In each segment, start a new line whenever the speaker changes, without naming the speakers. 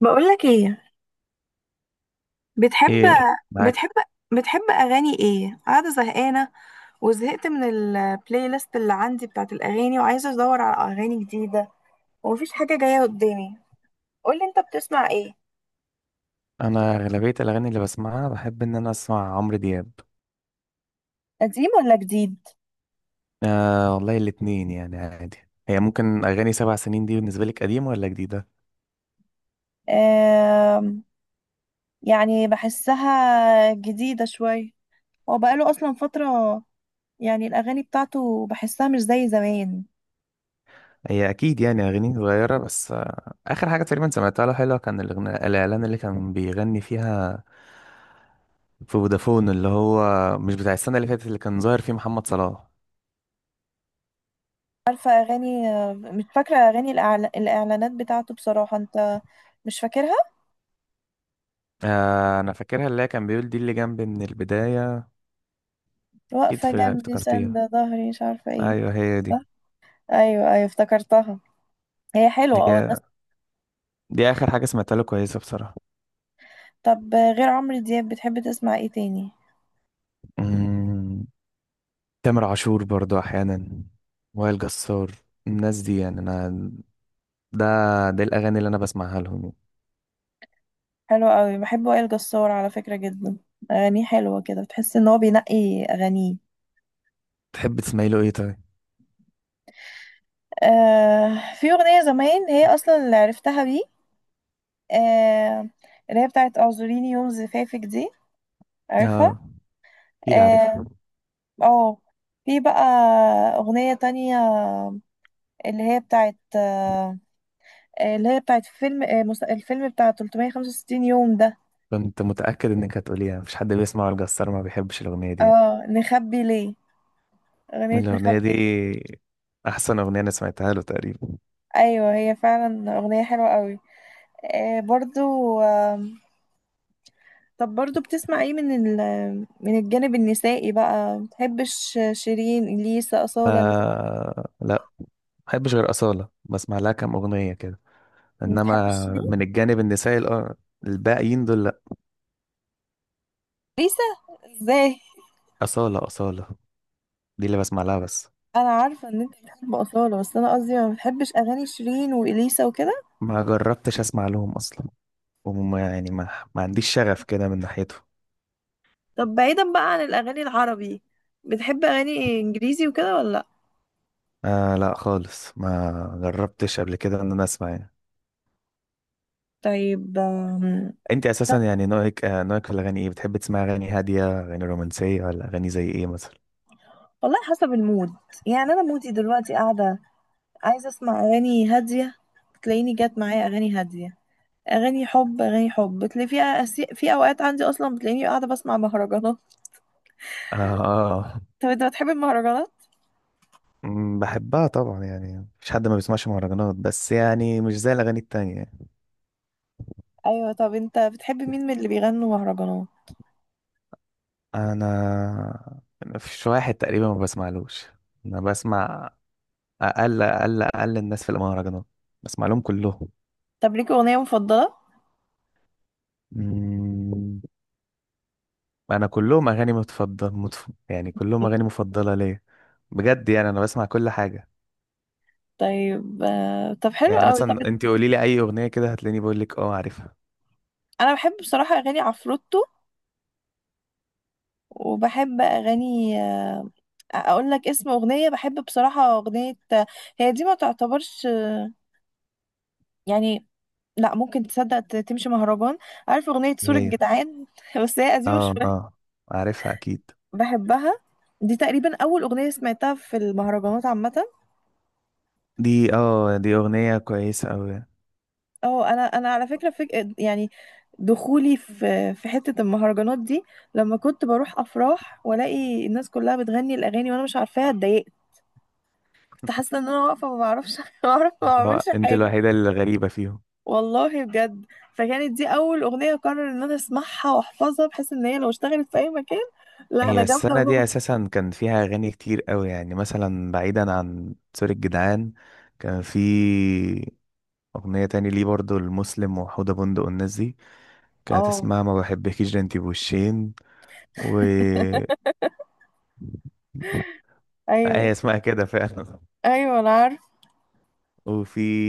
بقولك ايه؟ بتحب،
ايه، معاك.
بتحب بتحب اغاني ايه؟ قاعده زهقانه وزهقت من البلاي ليست اللي عندي بتاعت الاغاني، وعايزه ادور على اغاني جديده، ومفيش حاجه جايه قدامي. قولي انت بتسمع ايه؟
انا اغلبيه الاغاني اللي بسمعها بحب ان انا اسمع عمرو دياب.
قديم ولا جديد؟
آه والله الاتنين يعني عادي. هي ممكن اغاني 7 سنين دي بالنسبه لك قديمه ولا جديده؟
آم، يعني بحسها جديدة شوية، هو بقاله أصلا فترة، يعني الأغاني بتاعته بحسها مش زي زمان.
هي اكيد يعني اغاني صغيره، بس آه اخر حاجه تقريبا سمعتها له حلوه كان الأغنية الاعلان اللي كان بيغني فيها في فودافون، اللي هو مش بتاع السنه اللي فاتت اللي كان ظاهر فيه محمد صلاح.
عارفة أغاني، مش فاكرة أغاني الإعلانات بتاعته بصراحة أنت، مش فاكرها.
آه انا فاكرها، اللي هي كان بيقول دي اللي جنبي من البدايه. اكيد
واقفة جنبي
افتكرتيها.
ساندة ظهري مش عارفة ايه.
ايوه هي
صح؟
دي.
ايوه ايوه افتكرتها، هي حلوة. اه الناس.
هي دي اخر حاجه سمعتها له كويسه بصراحه.
طب غير عمرو دياب بتحب تسمع ايه تاني؟
مم، تامر عاشور برضو احيانا، وائل جسار، الناس دي. يعني انا ده ده الاغاني اللي انا بسمعها لهم يعني.
حلو قوي، بحب وائل جسار على فكرة جدا، اغانيه حلوة كده، بتحس ان هو بينقي اغانيه.
تحب تسمعي له ايه طيب؟
آه في اغنية زمان هي اصلا اللي عرفتها بيه، آه اللي هي بتاعت اعذريني يوم زفافك دي، عارفها.
اه اكيد عارف.
اه آه. في بقى اغنية تانية اللي هي بتاعت اللي هي بتاعت فيلم الفيلم بتاع 365 يوم ده.
كنت متاكد انك هتقوليها، مفيش حد بيسمع وائل جسار ما بيحبش الاغنيه دي يعني.
اه نخبي ليه، أغنية
الاغنيه
نخبي
دي
ليه.
احسن اغنيه انا سمعتها له تقريبا.
أيوة هي فعلا أغنية حلوة قوي، آه برضو، آه. طب برضو بتسمع ايه من من الجانب النسائي بقى؟ متحبش شيرين، ليسا، أصالة، الناس-.
آه لا، ما بحبش غير اصاله، بسمع لها كام اغنيه كده.
متحبش
انما
شيرين،
من الجانب النسائي الباقيين دول لا.
ليسا، ازاي؟
اصاله اصاله دي اللي بسمع لها بس.
انا عارفة ان انت بتحب أصالة، بس انا قصدي ما بتحبش اغاني شيرين وإليسا وكده.
ما جربتش اسمع لهم اصلا، وما يعني ما عنديش شغف كده من ناحيتهم.
طب بعيدا بقى عن الاغاني العربي، بتحب اغاني انجليزي وكده ولا؟
آه لا خالص، ما جربتش قبل كده ان انا اسمع يعني.
طيب.
انت اساسا يعني نوعك آه نوعك في الاغاني ايه؟ بتحب تسمع اغاني هاديه، اغاني رومانسيه، ولا اغاني زي ايه مثلا؟
والله حسب المود، يعني انا مودي دلوقتي قاعده عايزه اسمع اغاني هاديه، تلاقيني جت معايا اغاني هاديه، اغاني حب، اغاني حب بتلاقي فيها في اوقات عندي اصلا بتلاقيني قاعده بسمع مهرجانات.
اه، آه.
طب انت بتحب المهرجانات؟
بحبها طبعا يعني، مفيش حد ما بيسمعش مهرجانات، بس يعني مش زي الاغاني التانية.
ايوه. طب انت بتحب مين من اللي بيغنوا مهرجانات؟
انا مفيش واحد تقريبا ما بسمعلوش. انا بسمع اقل اقل اقل الناس في المهرجانات، بسمع لهم كلهم.
طب ليك اغنيه مفضله؟
مم. انا كلهم اغاني متفضل يعني كلهم اغاني مفضله ليا. بجد يعني انا بسمع كل حاجه.
طيب، طب حلو
يعني
قوي. طب
مثلا انت قولي لي اي اغنيه كده هتلاقيني بقول لك اه عارفها.
انا بحب بصراحه اغاني عفروتو، وبحب اغاني، اقول لك اسم اغنيه بحب بصراحه، اغنيه هي دي ما تعتبرش يعني، لا ممكن تصدق تمشي مهرجان، عارف اغنيه
دي
سور
هي،
الجدعان؟ بس هي قديمه
اه
شويه،
اه عارفها اكيد.
بحبها. دي تقريبا اول اغنيه سمعتها في المهرجانات عامه.
دي اه دي اغنيه كويسه قوي.
اه، انا على فكره، يعني دخولي في حته المهرجانات دي لما كنت بروح افراح والاقي الناس كلها بتغني الاغاني وانا مش عارفاها اتضايقت، كنت حاسه ان انا واقفه ما بعرفش. ما بعرف ما بعملش
انت
حاجه،
الوحيده اللي غريبه فيهم.
والله بجد. فكانت دي اول اغنيه قرر ان انا اسمعها واحفظها بحيث ان هي لو اشتغلت في اي مكان، لا انا
هي
جامده.
السنه دي اساسا كان فيها اغاني كتير قوي، يعني مثلا بعيدا عن سوري الجدعان كان في اغنيه تاني ليه برضو المسلم وحوده بندق والناس دي، كانت
اه
اسمها ما بحبكيش ده انتي بوشين، و هي
ايوه
اسمها كده فعلا.
ايوه انا عارف.
وفي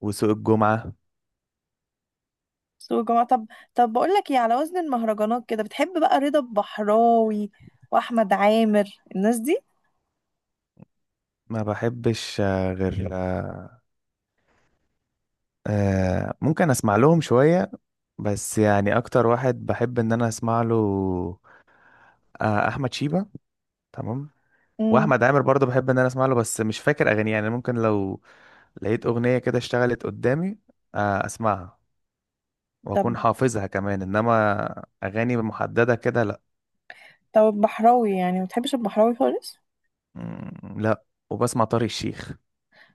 وسوق الجمعة.
سوق جماعة. طب بقول لك ايه، على وزن المهرجانات كده بتحب بقى رضا البحراوي واحمد عامر، الناس دي؟
ما بحبش غير ممكن اسمع لهم شوية، بس يعني اكتر واحد بحب ان انا اسمع له احمد شيبة، تمام.
امم.
واحمد عامر برضه بحب ان انا اسمع له، بس مش فاكر اغانيه يعني. ممكن لو لقيت اغنية كده اشتغلت قدامي اسمعها
طب
واكون حافظها كمان. انما اغاني محددة كده لا.
البحراوي يعني ما بتحبش البحراوي خالص؟
مم، لا. وبسمع طارق الشيخ،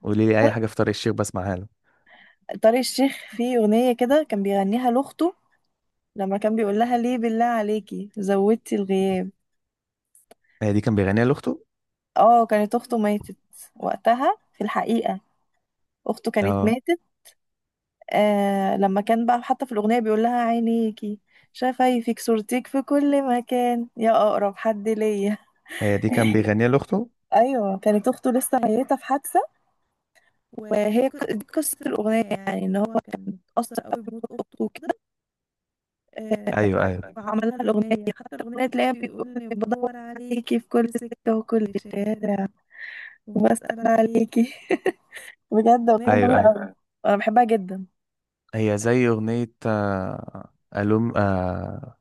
قولي لي اي
طارق،
حاجه في طارق الشيخ بسمعها له.
طارق الشيخ فيه اغنية كده كان بيغنيها لاخته، لما كان بيقول لها ليه بالله عليكي زودتي الغياب.
هي دي كان بيغنيها لاخته؟
اه كانت اخته ماتت وقتها في الحقيقة، اخته كانت
اه،
ماتت. آه لما كان بقى حتى في الأغنية بيقول لها عينيكي، شفايفك، صورتك في كل مكان يا أقرب حد ليا.
هي دي كان بيغنيها لاخته؟
أيوة كانت أخته لسه ميتة في حادثة، وهي دي قصة الأغنية، يعني إن هو كان اتأثر قوي بموت أخته وكده،
ايوه
آه،
ايوه،
فعمل لها الأغنية، حتى الأغنية تلاقيها بيقول لي بدور عليكي في كل سكة وكل شارع وبسأل عليكي. بجد أغنية
ايوه
جميلة
ايوه.
أوي، أنا بحبها جدا.
هي زي اغنيه الوم،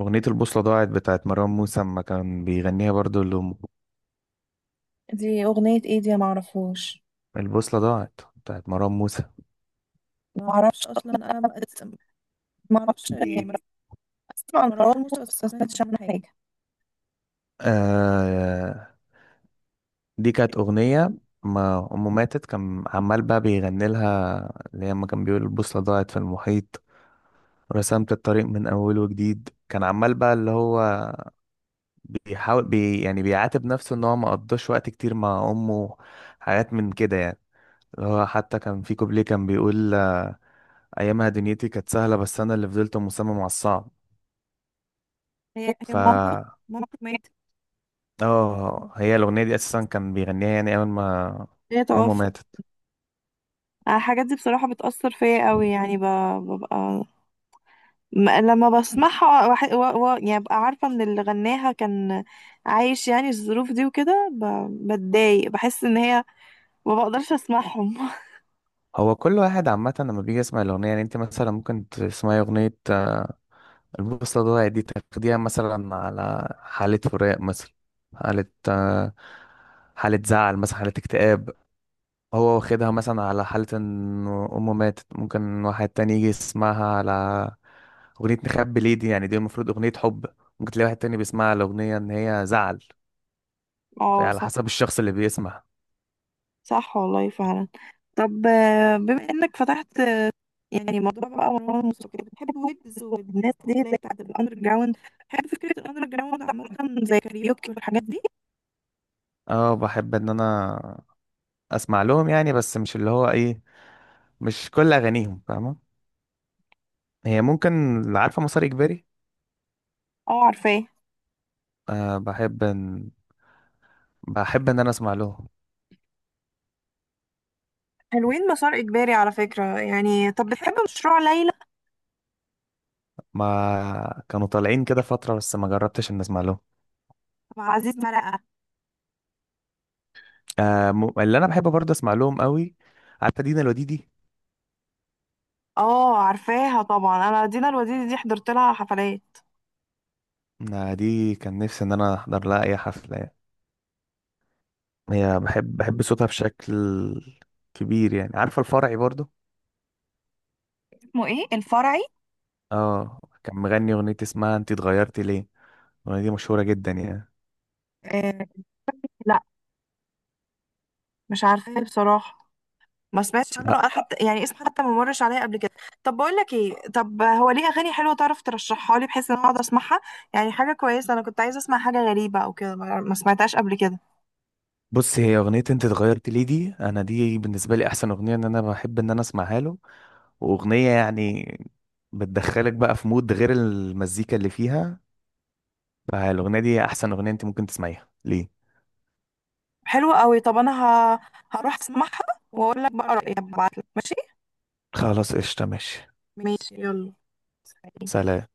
اغنيه البوصله ضاعت بتاعت مروان موسى اما كان بيغنيها برضو لامه.
دي أغنية إيه دي معرفوش؟
البوصله ضاعت بتاعت مروان موسى.
معرفش أصلا أنا، ما معرفش
دي
يعني، بسمع مروان موسى بس ما سمعتش عنها حاجة.
آه دي كانت اغنيه ما امه ماتت كان عمال بقى بيغني لها. اللي هي اما كان بيقول البوصله ضاعت في المحيط، رسمت الطريق من أول وجديد، كان عمال بقى اللي هو بيحاول يعني بيعاتب نفسه ان هو ما قضاش وقت كتير مع امه، حاجات من كده يعني. هو حتى كان في كوبليه كان بيقول ايامها دنيتي كانت سهله بس انا اللي فضلت مصمم على الصعب.
هي
ف
مامته، مامته ماتت،
اه هي الاغنيه دي اساسا كان بيغنيها يعني اول ما
هي
امه
توفت.
ماتت.
أنا الحاجات دي بصراحة بتأثر فيا قوي، يعني ببقى، لما بسمعها يعني ببقى عارفة ان اللي غناها كان عايش يعني الظروف دي وكده، بتضايق، بحس ان هي ما بقدرش اسمعهم.
هو كل واحد عامه لما بيجي يسمع الاغنيه، يعني انت مثلا ممكن تسمعي اغنيه البوصله ضاعت دي تاخديها مثلا على حاله فراق مثلا، حاله حاله زعل مثلا، حاله اكتئاب. هو واخدها مثلا على حالة ان امه ماتت، ممكن واحد تاني يجي يسمعها على اغنية نخبي ليه دي، يعني دي المفروض اغنية حب. ممكن تلاقي واحد تاني بيسمعها على اغنية ان هي زعل.
اه
فعلى
صح،
حسب الشخص اللي بيسمع.
صح والله فعلا. طب، بما انك فتحت، يعني موضوع بقى مروان موسيقى، بتحب ويجز والناس دي اللي هي بتاعت الاندر جراوند؟ بتحب فكرة الاندر جراوند عامة زي كاريوكي والحاجات دي؟
اه بحب ان انا اسمع لهم يعني، بس مش اللي هو ايه، مش كل اغانيهم فاهمة. هي ممكن اللي عارفة مسار اجباري.
اه عارفاه،
أه، بحب ان انا اسمع لهم.
حلوين مسار اجباري على فكرة يعني. طب بتحب مشروع ليلى
ما كانوا طالعين كده فترة، بس ما جربتش ان اسمع لهم.
مع عزيز مرقة؟
آه، اللي انا بحب برضه اسمع لهم قوي، عارفه دينا الوديدي.
اه عارفاها طبعا، انا دينا الوديدي دي حضرت لها حفلات.
آه دي كان نفسي ان انا احضر لها اي حفله يعني. هي بحب صوتها بشكل كبير يعني. عارفه الفرعي برضه.
اسمه ايه الفرعي؟
اه كان مغني اغنيه اسمها انت اتغيرتي ليه، الاغنيه دي مشهوره جدا يعني.
آه لا مش عارفاها بصراحة، ما سمعتش عنه
لا.
أنا حتى، يعني اسم حتى ما مرش عليا قبل كده. طب بقول لك ايه، طب هو ليه اغاني حلوه تعرف ترشحها لي بحيث ان انا اقعد اسمعها؟ يعني حاجه كويسه، انا كنت عايزه اسمع حاجه غريبه او كده، ما سمعتهاش قبل كده.
بص هي اغنيه انت اتغيرتي ليه دي، انا دي بالنسبه لي احسن اغنيه ان انا بحب ان انا اسمعها له. واغنيه يعني بتدخلك بقى في مود غير المزيكا اللي فيها. فالاغنيه دي احسن اغنيه انت ممكن تسمعيها ليه.
حلوه قوي، طب انا ه... هروح اسمعها واقول لك بقى رايي، هبعت لك ماشي.
خلاص قشطة ماشي.
ماشي يلا، سلام.
سلام.